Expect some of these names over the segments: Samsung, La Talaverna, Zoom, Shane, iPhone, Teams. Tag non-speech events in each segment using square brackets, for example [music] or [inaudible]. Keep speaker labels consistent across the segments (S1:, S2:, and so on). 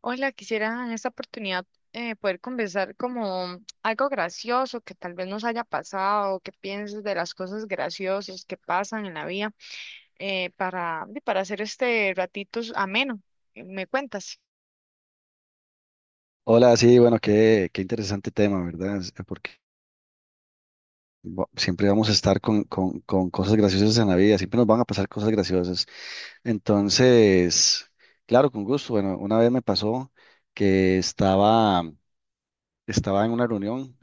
S1: Hola, quisiera en esta oportunidad poder conversar como algo gracioso que tal vez nos haya pasado, qué piensas de las cosas graciosas que pasan en la vida y para hacer este ratito ameno. ¿Me cuentas?
S2: Hola, sí, bueno, qué interesante tema, ¿verdad? Porque siempre vamos a estar con cosas graciosas en la vida, siempre nos van a pasar cosas graciosas. Entonces, claro, con gusto. Bueno, una vez me pasó que estaba en una reunión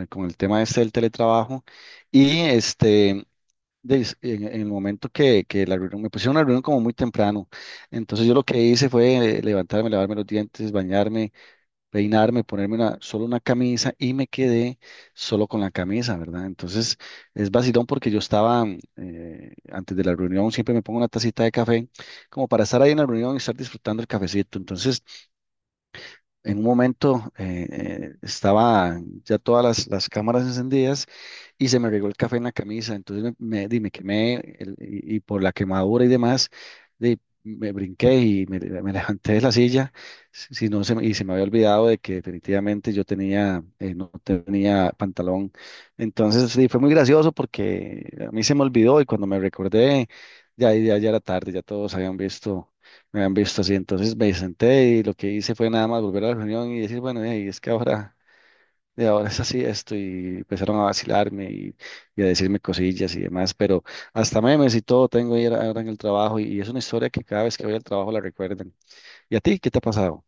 S2: con el tema este del teletrabajo y este, en el momento que la reunión, me pusieron una reunión como muy temprano. Entonces yo lo que hice fue levantarme, lavarme los dientes, bañarme, peinarme, ponerme solo una camisa y me quedé solo con la camisa, ¿verdad? Entonces es vacilón porque yo estaba antes de la reunión, siempre me pongo una tacita de café como para estar ahí en la reunión y estar disfrutando el cafecito. Entonces en un momento estaba ya todas las cámaras encendidas y se me regó el café en la camisa, entonces me quemé y por la quemadura y demás, di, me brinqué y me levanté de la silla, si no se, y se me había olvidado de que definitivamente yo tenía, no tenía pantalón. Entonces sí, fue muy gracioso porque a mí se me olvidó y cuando me recordé, ya, ya, ya era tarde, ya todos habían visto, me han visto así, entonces me senté y lo que hice fue nada más volver a la reunión y decir, bueno, y es que ahora, de ahora es así esto, y empezaron a vacilarme y, a decirme cosillas y demás, pero hasta memes y todo tengo ahí ahora en el trabajo y, es una historia que cada vez que voy al trabajo la recuerden. ¿Y a ti qué te ha pasado?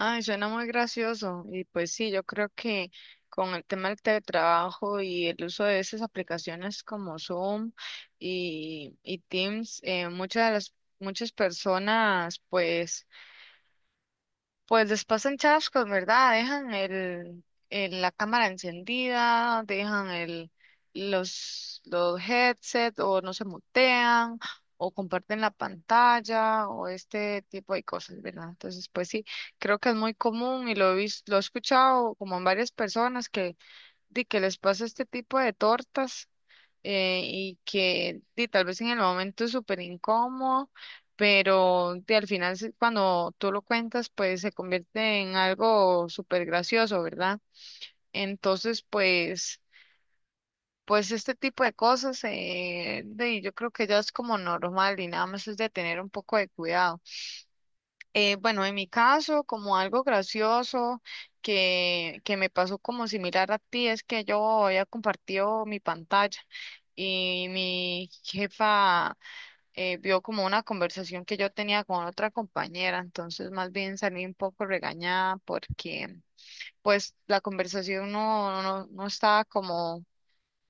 S1: Ay, suena muy gracioso. Y pues sí, yo creo que con el tema del teletrabajo y el uso de esas aplicaciones como Zoom y Teams, muchas personas pues les pasan chascos, ¿verdad? Dejan la cámara encendida, dejan los headset o no se mutean o comparten la pantalla o este tipo de cosas, ¿verdad? Entonces, pues sí, creo que es muy común y lo he escuchado como en varias personas que, de que les pasa este tipo de tortas y que di, tal vez en el momento es súper incómodo, pero di, al final cuando tú lo cuentas, pues se convierte en algo súper gracioso, ¿verdad? Entonces, pues este tipo de cosas, di, yo creo que ya es como normal y nada más es de tener un poco de cuidado. Bueno, en mi caso, como algo gracioso que me pasó como similar a ti, es que yo había compartido mi pantalla y mi jefa vio como una conversación que yo tenía con otra compañera, entonces más bien salí un poco regañada porque pues la conversación no estaba como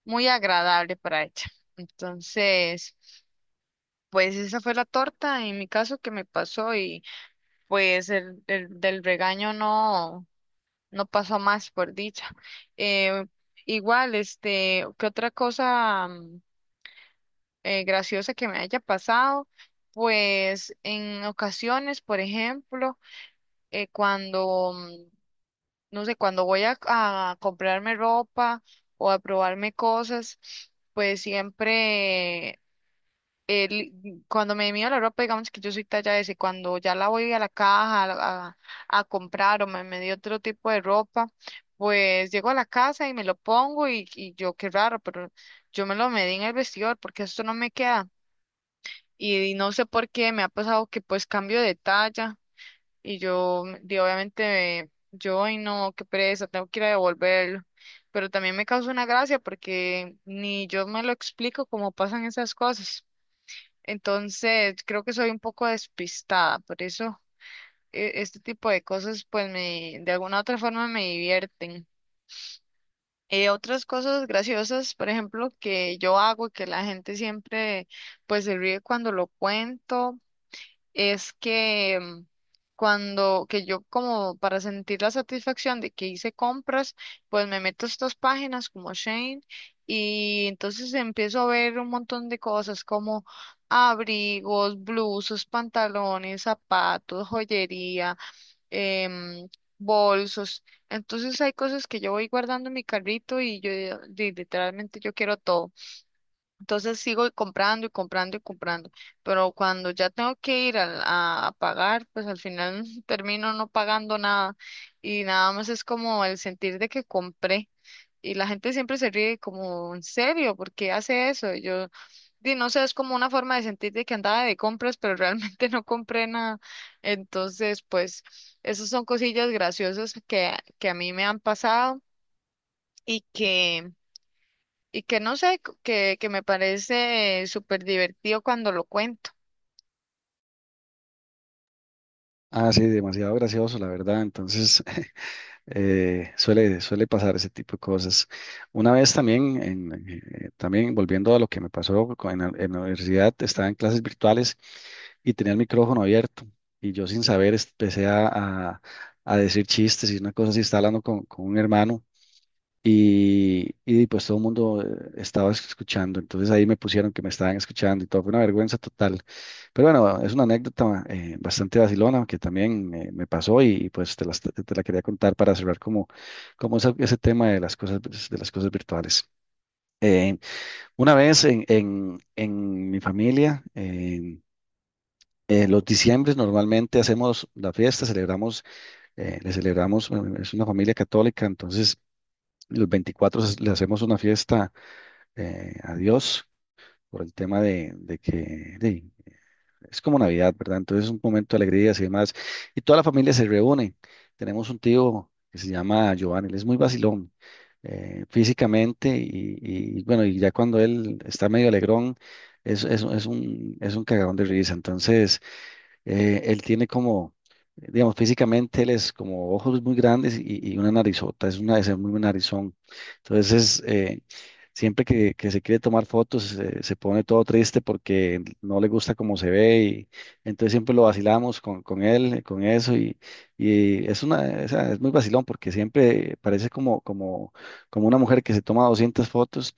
S1: muy agradable para ella. Entonces, pues esa fue la torta en mi caso que me pasó pues el del regaño no pasó más, por dicha. Eh, igual, este, ¿qué otra cosa graciosa que me haya pasado? Pues en ocasiones, por ejemplo, eh, cuando, mm, no sé, cuando voy a comprarme ropa o a probarme cosas, pues siempre cuando me mido la ropa, digamos que yo soy talla S, cuando ya la voy a la caja a comprar o me medí otro tipo de ropa, pues llego a la casa y me lo pongo y yo qué raro, pero yo me lo medí en el vestidor porque esto no me queda. Y, no sé por qué me ha pasado que pues cambio de talla y yo, obviamente, yo, ay no, qué pereza, tengo que ir a devolverlo. Pero también me causa una gracia porque ni yo me lo explico cómo pasan esas cosas. Entonces, creo que soy un poco despistada, por eso este tipo de cosas, pues me, de alguna otra forma me divierten. Otras cosas graciosas, por ejemplo, que yo hago, que la gente siempre, pues se ríe cuando lo cuento, es que que yo como para sentir la satisfacción de que hice compras, pues me meto a estas páginas como Shane y entonces empiezo a ver un montón de cosas como abrigos, blusas, pantalones, zapatos, joyería, em, bolsos. Entonces hay cosas que yo voy guardando en mi carrito y yo literalmente yo quiero todo. Entonces sigo comprando y comprando y comprando, pero cuando ya tengo que ir a pagar, pues al final [laughs] termino no pagando nada y nada más es como el sentir de que compré y la gente siempre se ríe como, ¿en serio? ¿Por qué hace eso? Y yo, di, no sé, es como una forma de sentir de que andaba de compras, pero realmente [laughs] no compré nada. Entonces, pues esas son cosillas graciosas que a mí me han pasado y que... Y que no sé, que me parece súper divertido cuando lo cuento.
S2: Ah, sí, demasiado gracioso, la verdad, entonces [laughs] Suele pasar ese tipo de cosas. Una vez también, también volviendo a lo que me pasó en la universidad, estaba en clases virtuales y tenía el micrófono abierto y yo sin saber empecé a decir chistes y una cosa así, estaba hablando con un hermano y, pues todo el mundo estaba escuchando, entonces ahí me pusieron que me estaban escuchando y todo, fue una vergüenza total. Pero bueno, es una anécdota bastante vacilona que también me pasó y, pues te la quería contar para cerrar como, como ese tema de las cosas, pues, de las cosas virtuales. Eh, una vez en mi familia, los diciembres normalmente hacemos la fiesta, celebramos, le celebramos, bueno, es una familia católica, entonces los 24 le hacemos una fiesta a Dios por el tema de que es como Navidad, ¿verdad? Entonces es un momento de alegrías y demás. Y toda la familia se reúne. Tenemos un tío que se llama Giovanni, él es muy vacilón físicamente y, bueno, y ya cuando él está medio alegrón, es un cagadón de risa. Entonces. Él tiene como, digamos, físicamente él es como ojos muy grandes y, una narizota, es muy buen narizón. Entonces, siempre que se quiere tomar fotos, se pone todo triste porque no le gusta cómo se ve y entonces siempre lo vacilamos con, él, con eso y, y es una, o sea, es muy vacilón porque siempre parece como, como una mujer que se toma 200 fotos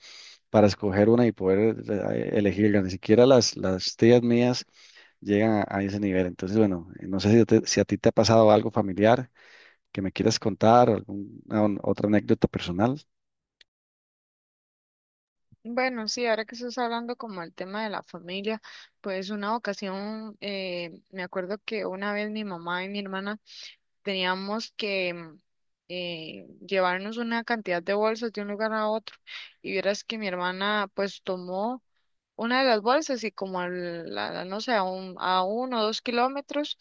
S2: para escoger una y poder elegirla. Ni siquiera las tías mías llegan a ese nivel. Entonces, bueno, no sé si a ti te ha pasado algo familiar que me quieras contar o alguna otra anécdota personal.
S1: Bueno, sí, ahora que estás hablando como el tema de la familia, pues una ocasión, me acuerdo que una vez mi mamá y mi hermana teníamos que llevarnos una cantidad de bolsas de un lugar a otro. Y vieras que mi hermana pues tomó una de las bolsas y como no sé, a 1 o 2 kilómetros,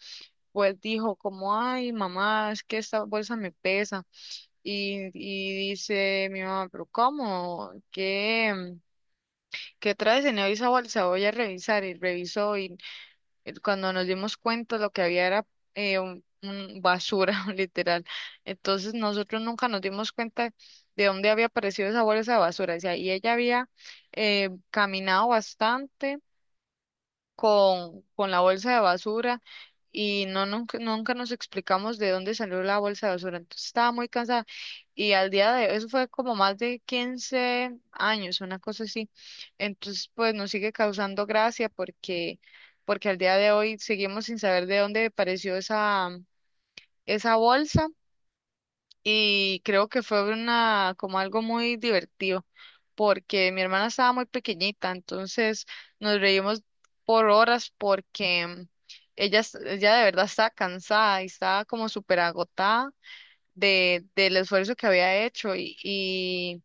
S1: pues dijo como, ay, mamá, es que esta bolsa me pesa. Y dice mi mamá, pero ¿cómo? ¿Qué traes en esa bolsa? Voy a revisar. Y revisó y cuando nos dimos cuenta lo que había era un basura, [laughs] literal. Entonces nosotros nunca nos dimos cuenta de dónde había aparecido esa bolsa de basura. O sea, y ella había caminado bastante con la bolsa de basura y no nunca nos explicamos de dónde salió la bolsa de basura. Entonces estaba muy cansada y al día de eso fue como más de 15 años, una cosa así. Entonces pues nos sigue causando gracia porque porque al día de hoy seguimos sin saber de dónde apareció esa bolsa y creo que fue una como algo muy divertido porque mi hermana estaba muy pequeñita, entonces nos reímos por horas porque ella, ella de verdad estaba cansada y estaba como súper agotada del esfuerzo que había hecho y, y,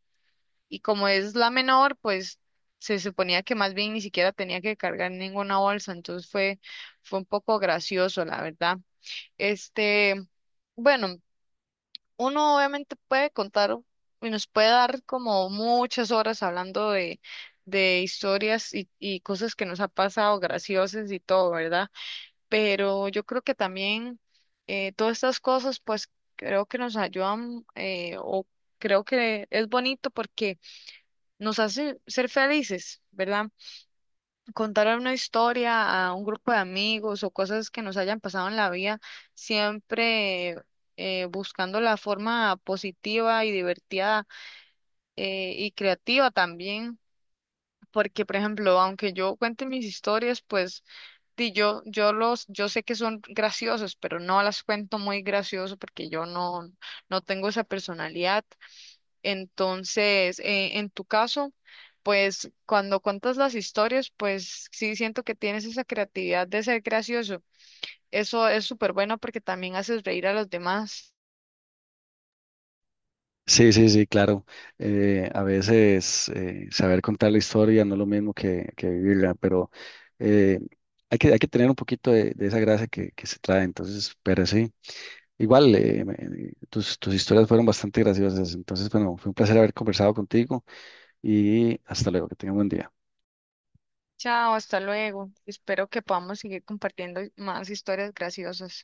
S1: y como es la menor, pues se suponía que más bien ni siquiera tenía que cargar ninguna bolsa, entonces fue un poco gracioso, la verdad. Este, bueno, uno obviamente puede contar y nos puede dar como muchas horas hablando de historias y cosas que nos ha pasado, graciosas y todo, ¿verdad? Pero yo creo que también todas estas cosas, pues creo que nos ayudan o creo que es bonito porque nos hace ser felices, ¿verdad? Contar una historia a un grupo de amigos o cosas que nos hayan pasado en la vida, siempre buscando la forma positiva y divertida y creativa también. Porque, por ejemplo, aunque yo cuente mis historias, pues sí, yo sé que son graciosos, pero no las cuento muy gracioso porque yo no tengo esa personalidad. Entonces, en tu caso, pues cuando cuentas las historias, pues sí siento que tienes esa creatividad de ser gracioso. Eso es súper bueno porque también haces reír a los demás.
S2: Sí, sí, sí, claro. A veces saber contar la historia no es lo mismo que vivirla, pero eh, hay que tener un poquito de esa gracia que se trae. Entonces, pero sí, igual tus historias fueron bastante graciosas. Entonces, bueno, fue un placer haber conversado contigo y hasta luego, que tengan buen día.
S1: Chao, hasta luego. Espero que podamos seguir compartiendo más historias graciosas.